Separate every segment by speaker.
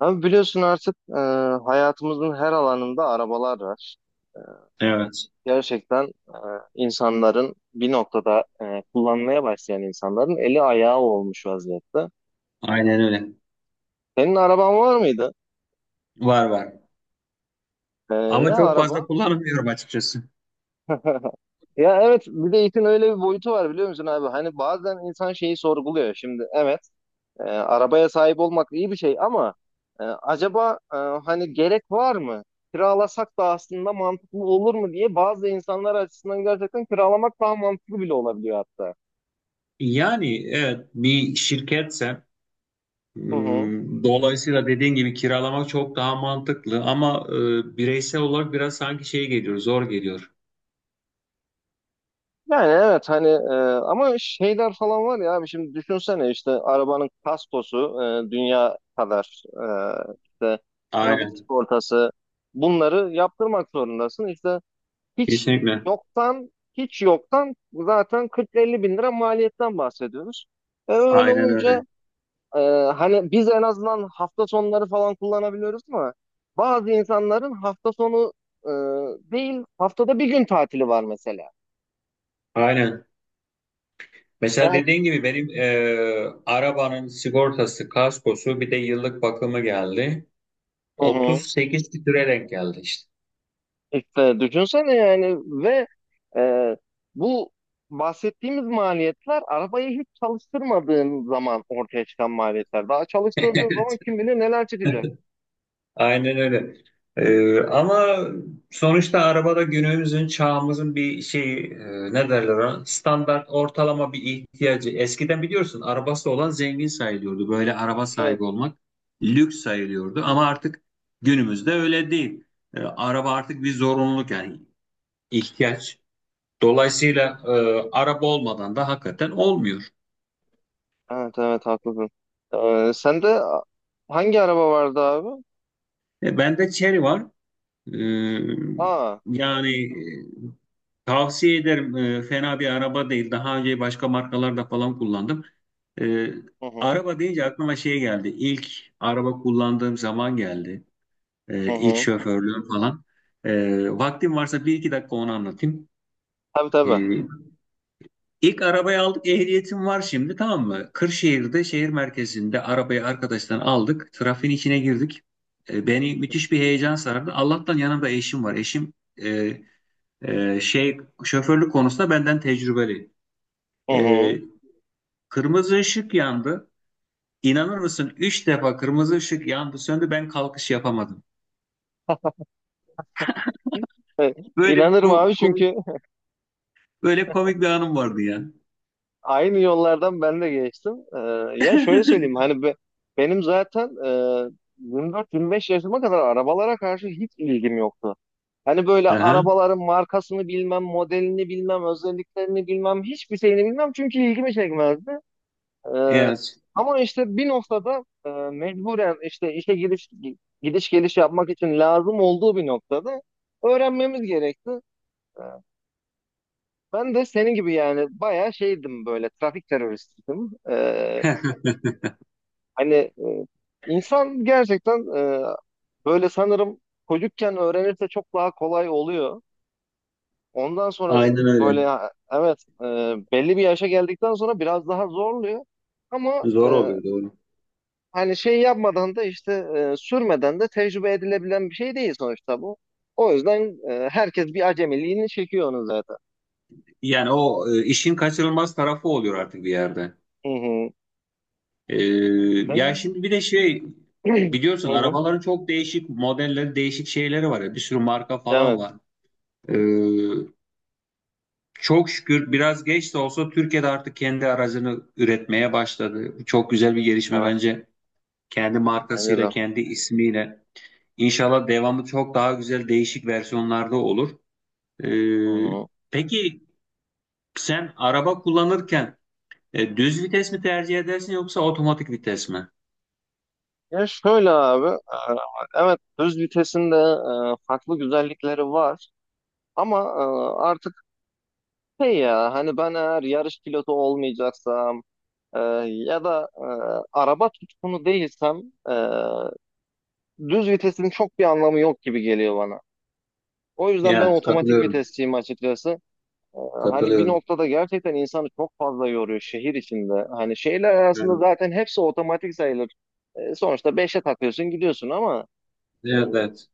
Speaker 1: Abi biliyorsun artık hayatımızın her alanında arabalar var. E,
Speaker 2: Evet,
Speaker 1: Gerçekten insanların bir noktada kullanmaya başlayan insanların eli ayağı olmuş vaziyette.
Speaker 2: aynen öyle.
Speaker 1: Senin araban var mıydı?
Speaker 2: Var var.
Speaker 1: E, Ne
Speaker 2: Ama çok fazla
Speaker 1: araba?
Speaker 2: kullanmıyorum açıkçası.
Speaker 1: Ya evet, bir de işin öyle bir boyutu var biliyor musun abi? Hani bazen insan şeyi sorguluyor. Şimdi evet, arabaya sahip olmak iyi bir şey ama acaba hani gerek var mı? Kiralasak da aslında mantıklı olur mu diye, bazı insanlar açısından gerçekten kiralamak daha mantıklı bile olabiliyor hatta.
Speaker 2: Yani evet bir şirketse
Speaker 1: Hı hı.
Speaker 2: dolayısıyla dediğin gibi kiralamak çok daha mantıklı ama bireysel olarak biraz sanki şey geliyor, zor geliyor.
Speaker 1: Yani evet, hani, ama şeyler falan var ya abi, şimdi düşünsene işte arabanın kaskosu dünya kadar, işte trafik
Speaker 2: Aynen,
Speaker 1: sigortası, bunları yaptırmak zorundasın. İşte hiç
Speaker 2: kesinlikle.
Speaker 1: hiç yoktan zaten 40-50 bin lira maliyetten bahsediyoruz. Öyle
Speaker 2: Aynen öyle.
Speaker 1: olunca, e, hani biz en azından hafta sonları falan kullanabiliyoruz, ama bazı insanların hafta sonu e, değil, haftada bir gün tatili var mesela.
Speaker 2: Aynen. Mesela
Speaker 1: Yani,
Speaker 2: dediğin gibi benim arabanın sigortası, kaskosu bir de yıllık bakımı geldi.
Speaker 1: hı hı.
Speaker 2: 38 litre denk geldi işte.
Speaker 1: İşte düşünsene yani, ve e, bu bahsettiğimiz maliyetler, arabayı hiç çalıştırmadığın zaman ortaya çıkan maliyetler. Daha çalıştırdığın zaman kim bilir neler çıkacak.
Speaker 2: Aynen öyle. Ama sonuçta arabada günümüzün, çağımızın bir şey ne derler ona? Standart ortalama bir ihtiyacı. Eskiden biliyorsun arabası olan zengin sayılıyordu. Böyle araba
Speaker 1: Evet.
Speaker 2: sahibi olmak lüks sayılıyordu. Ama artık günümüzde öyle değil. Araba artık bir zorunluluk yani ihtiyaç. Dolayısıyla araba olmadan da hakikaten olmuyor.
Speaker 1: Evet, evet, haklısın. Sende hangi araba vardı abi?
Speaker 2: Bende Chery var. Ee,
Speaker 1: Aa.
Speaker 2: yani e, tavsiye ederim. Fena bir araba değil. Daha önce başka markalarda falan kullandım. Ee,
Speaker 1: Hı hı.
Speaker 2: araba deyince aklıma şey geldi. İlk araba kullandığım zaman geldi.
Speaker 1: Hı
Speaker 2: İlk
Speaker 1: hı.
Speaker 2: şoförlüğüm falan. Vaktim varsa bir iki dakika onu anlatayım.
Speaker 1: Tabii,
Speaker 2: Ee,
Speaker 1: tabii.
Speaker 2: ilk arabayı aldık. Ehliyetim var şimdi tamam mı? Kırşehir'de şehir merkezinde arabayı arkadaştan aldık. Trafiğin içine girdik. Beni müthiş bir heyecan sardı. Allah'tan yanımda eşim var. Eşim e, şey şoförlük konusunda benden tecrübeli.
Speaker 1: Hı
Speaker 2: Ee,
Speaker 1: hı.
Speaker 2: kırmızı ışık yandı. İnanır mısın? Üç defa kırmızı ışık yandı, söndü. Ben kalkış yapamadım. Böyle bir
Speaker 1: İnanırım abi,
Speaker 2: komik,
Speaker 1: çünkü
Speaker 2: böyle komik bir anım vardı ya.
Speaker 1: aynı yollardan ben de geçtim. Ya, şöyle söyleyeyim hani benim zaten 24-25 yaşıma kadar arabalara karşı hiç ilgim yoktu. Hani böyle
Speaker 2: Aha,
Speaker 1: arabaların markasını bilmem, modelini bilmem, özelliklerini bilmem, hiçbir şeyini bilmem, çünkü ilgimi çekmezdi. Ee,
Speaker 2: evet.
Speaker 1: Ama işte bir noktada mecburen işte işe giriş gidiş geliş yapmak için lazım olduğu bir noktada öğrenmemiz gerekti. Ee, Ben de senin gibi yani bayağı şeydim, böyle trafik teröristiydim. Hani insan gerçekten böyle, sanırım çocukken öğrenirse çok daha kolay oluyor. Ondan sonra
Speaker 2: Aynen öyle.
Speaker 1: böyle ha, evet, belli bir yaşa geldikten sonra biraz daha zorluyor. Ama
Speaker 2: Zor oluyor doğru.
Speaker 1: hani şey yapmadan da işte, sürmeden de tecrübe edilebilen bir şey değil sonuçta bu. O yüzden herkes bir acemiliğini çekiyor onu zaten.
Speaker 2: Yani o işin kaçınılmaz tarafı oluyor artık bir yerde.
Speaker 1: Hı hı.
Speaker 2: Ee, ya
Speaker 1: Ben...
Speaker 2: şimdi bir de şey biliyorsun
Speaker 1: Hı hı.
Speaker 2: arabaların çok değişik modelleri, değişik şeyleri var ya. Bir sürü marka falan
Speaker 1: Evet.
Speaker 2: var. Ee, Çok şükür biraz geç de olsa Türkiye'de artık kendi aracını üretmeye başladı. Çok güzel bir gelişme bence. Kendi
Speaker 1: Bence
Speaker 2: markasıyla,
Speaker 1: de.
Speaker 2: kendi ismiyle. İnşallah devamı çok daha güzel değişik versiyonlarda olur.
Speaker 1: Hı
Speaker 2: Ee,
Speaker 1: hı.
Speaker 2: peki sen araba kullanırken düz vites mi tercih edersin yoksa otomatik vites mi?
Speaker 1: Ya şöyle abi, evet, düz vitesin de farklı güzellikleri var. Ama artık şey ya, hani ben eğer yarış pilotu olmayacaksam, e, ya da araba tutkunu değilsem, e, düz vitesin çok bir anlamı yok gibi geliyor bana. O yüzden ben
Speaker 2: Evet,
Speaker 1: otomatik
Speaker 2: katılıyorum.
Speaker 1: vitesçiyim açıkçası. E, Hani bir
Speaker 2: Katılıyorum.
Speaker 1: noktada gerçekten insanı çok fazla yoruyor şehir içinde. Hani şehirler arasında
Speaker 2: Evet,
Speaker 1: zaten hepsi otomatik sayılır. Sonuçta beşe takıyorsun gidiyorsun, ama
Speaker 2: evet,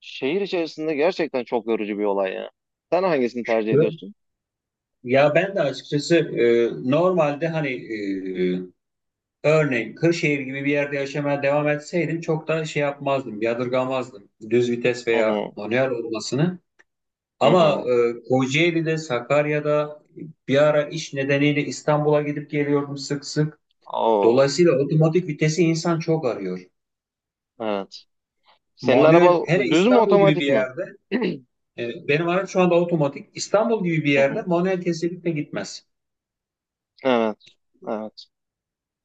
Speaker 1: şehir içerisinde gerçekten çok yorucu bir olay ya. Sen hangisini tercih
Speaker 2: evet.
Speaker 1: ediyorsun?
Speaker 2: Ya ben de açıkçası normalde hani örneğin Kırşehir gibi bir yerde yaşamaya devam etseydim çok da şey yapmazdım, yadırgamazdım düz vites
Speaker 1: Hı
Speaker 2: veya
Speaker 1: hı,
Speaker 2: manuel olmasını.
Speaker 1: hı
Speaker 2: Ama
Speaker 1: hı.
Speaker 2: Kocaeli'de, Sakarya'da bir ara iş nedeniyle İstanbul'a gidip geliyordum sık sık.
Speaker 1: Oo,
Speaker 2: Dolayısıyla otomatik vitesi insan çok arıyor.
Speaker 1: evet. Senin
Speaker 2: Manuel,
Speaker 1: araba
Speaker 2: hele
Speaker 1: düz mü
Speaker 2: İstanbul gibi bir
Speaker 1: otomatik mi?
Speaker 2: yerde, benim araç şu anda otomatik. İstanbul gibi bir
Speaker 1: Hı
Speaker 2: yerde
Speaker 1: hı.
Speaker 2: manuel kesinlikle gitmez.
Speaker 1: Evet. Evet.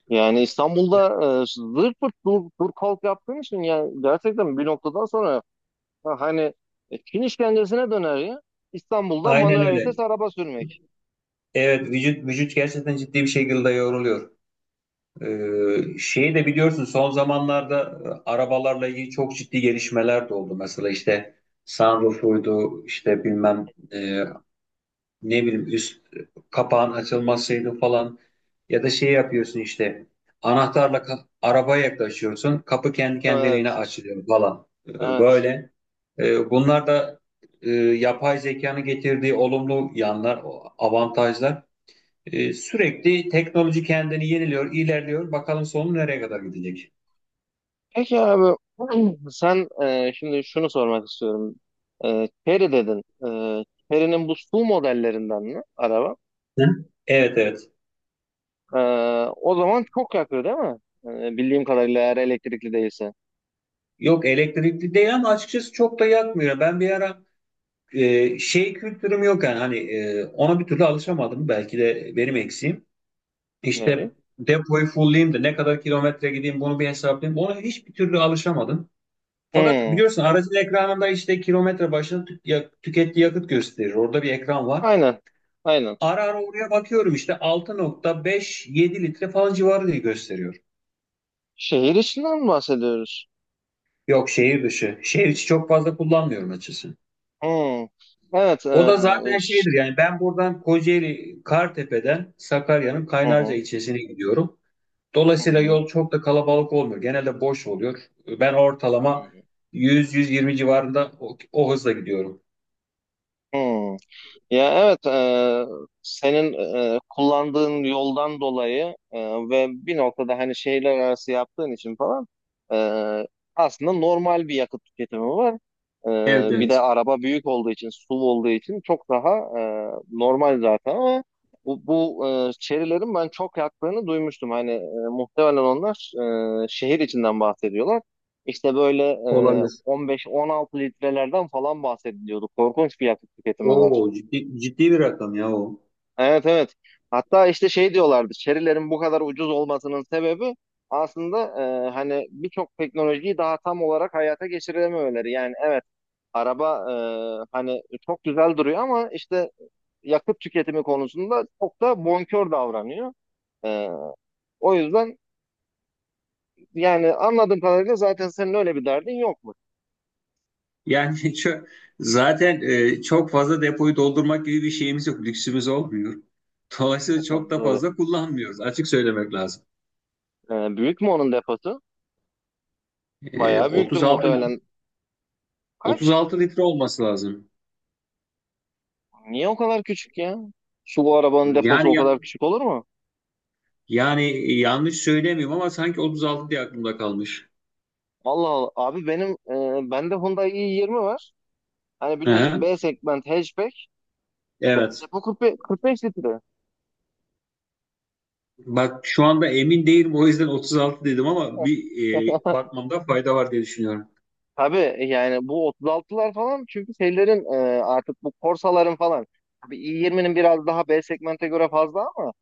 Speaker 1: Yani İstanbul'da zırt pırt dur, dur kalk yaptığın için, yani gerçekten bir noktadan sonra ha, hani, Çin işkencesine döner ya. İstanbul'da
Speaker 2: Aynen
Speaker 1: manuel
Speaker 2: öyle.
Speaker 1: vites araba sürmek.
Speaker 2: Evet, vücut vücut gerçekten ciddi bir şekilde yoruluyor. Şeyi de biliyorsun son zamanlarda arabalarla ilgili çok ciddi gelişmeler de oldu. Mesela işte sunroofuydu işte bilmem ne bileyim üst kapağın açılmasıydı falan. Ya da şey yapıyorsun işte anahtarla arabaya yaklaşıyorsun kapı kendi kendiliğine
Speaker 1: Evet.
Speaker 2: açılıyor falan. Ee,
Speaker 1: Evet.
Speaker 2: böyle. Bunlar da yapay zekanın getirdiği olumlu yanlar, avantajlar. Sürekli teknoloji kendini yeniliyor, ilerliyor. Bakalım sonu nereye kadar gidecek?
Speaker 1: Peki abi, sen, şimdi şunu sormak istiyorum. Chery dedin. Chery'nin bu SUV modellerinden mi araba?
Speaker 2: Hı? Evet, evet.
Speaker 1: E, O zaman çok yakıyor değil mi? Bildiğim kadarıyla, eğer elektrikli değilse.
Speaker 2: Yok elektrikli değil ama açıkçası çok da yakmıyor. Ben bir ara şey kültürüm yok yani hani ona bir türlü alışamadım. Belki de benim eksiğim. İşte
Speaker 1: Neyi?
Speaker 2: depoyu fullleyeyim de ne kadar kilometre gideyim bunu bir hesaplayayım. Ona hiçbir türlü alışamadım. Fakat
Speaker 1: Hmm,
Speaker 2: biliyorsun aracın ekranında işte kilometre başına tükettiği yakıt gösterir. Orada bir ekran var.
Speaker 1: aynen. Aynen.
Speaker 2: Ara ara oraya bakıyorum işte 6,57 litre falan civarı diye gösteriyor.
Speaker 1: Şehir içinden mi bahsediyoruz?
Speaker 2: Yok şehir dışı. Şehir içi çok fazla kullanmıyorum açıkçası.
Speaker 1: Hmm. Evet.
Speaker 2: O da zaten şeydir yani ben buradan Kocaeli Kartepe'den Sakarya'nın
Speaker 1: Hı
Speaker 2: Kaynarca
Speaker 1: hı.
Speaker 2: ilçesine gidiyorum.
Speaker 1: Hı
Speaker 2: Dolayısıyla
Speaker 1: hı.
Speaker 2: yol çok da kalabalık olmuyor. Genelde boş oluyor. Ben ortalama 100-120 civarında o hızla gidiyorum.
Speaker 1: Hı. Ya evet, senin kullandığın yoldan dolayı, ve bir noktada hani şehirler arası yaptığın için falan, e, aslında normal bir yakıt tüketimi var.
Speaker 2: Evet,
Speaker 1: Bir de
Speaker 2: evet,
Speaker 1: araba büyük olduğu için, SUV olduğu için çok daha normal zaten, ama bu çerilerin ben çok yaktığını duymuştum. Hani muhtemelen onlar şehir içinden bahsediyorlar. İşte böyle
Speaker 2: olabilir.
Speaker 1: 15-16 litrelerden falan bahsediliyordu. Korkunç bir yakıt tüketimi
Speaker 2: Oo
Speaker 1: var.
Speaker 2: ciddi, ciddi bir rakam ya o.
Speaker 1: Evet, evet. Hatta işte şey diyorlardı. Şerilerin bu kadar ucuz olmasının sebebi aslında, hani birçok teknolojiyi daha tam olarak hayata geçirememeleri. Yani evet, araba hani çok güzel duruyor, ama işte yakıt tüketimi konusunda çok da bonkör davranıyor. E, O yüzden, yani anladığım kadarıyla zaten senin öyle bir derdin yok mu?
Speaker 2: Yani zaten çok fazla depoyu doldurmak gibi bir şeyimiz yok, lüksümüz olmuyor. Dolayısıyla çok da
Speaker 1: Doğru.
Speaker 2: fazla kullanmıyoruz. Açık söylemek lazım.
Speaker 1: Büyük mü onun deposu? Bayağı büyüktür
Speaker 2: 36
Speaker 1: muhtemelen. Kaç?
Speaker 2: 36 litre olması lazım.
Speaker 1: Niye o kadar küçük ya? Su, bu arabanın deposu o
Speaker 2: Yani ya-
Speaker 1: kadar küçük olur mu?
Speaker 2: yani yanlış söylemiyorum ama sanki 36 diye aklımda kalmış.
Speaker 1: Allah Allah. Abi bende Hyundai i20 var. Hani
Speaker 2: Hı
Speaker 1: biliyorsun,
Speaker 2: hı.
Speaker 1: B segment hatchback.
Speaker 2: Evet.
Speaker 1: Depo 45, 45 litre.
Speaker 2: Bak şu anda emin değilim o yüzden 36 dedim ama bir bakmamda fayda var diye düşünüyorum.
Speaker 1: Tabii yani bu 36'lar falan, çünkü şeylerin artık bu Corsa'ların falan. Tabii i20'nin biraz daha B segmente göre fazla, ama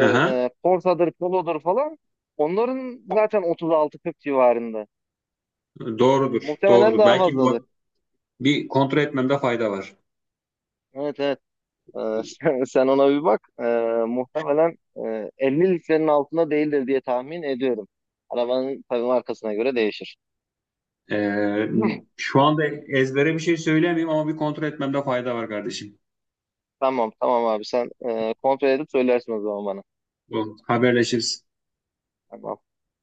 Speaker 2: Hı hı.
Speaker 1: Corsa'dır, Polo'dur falan, onların zaten 36-40 civarında.
Speaker 2: Doğrudur,
Speaker 1: Muhtemelen
Speaker 2: doğrudur.
Speaker 1: daha
Speaker 2: Belki
Speaker 1: fazladır.
Speaker 2: bir kontrol etmemde fayda var.
Speaker 1: Evet, evet. Ee, sen ona bir bak. Muhtemelen 50 litrenin altında değildir diye tahmin ediyorum. Arabanın tabii markasına göre değişir.
Speaker 2: Ee, şu anda ezbere bir şey söylemiyorum ama bir kontrol etmemde fayda var kardeşim.
Speaker 1: Tamam, tamam abi, sen kontrol edip söylersin o zaman bana.
Speaker 2: Bu haberleşiriz.
Speaker 1: Tamam.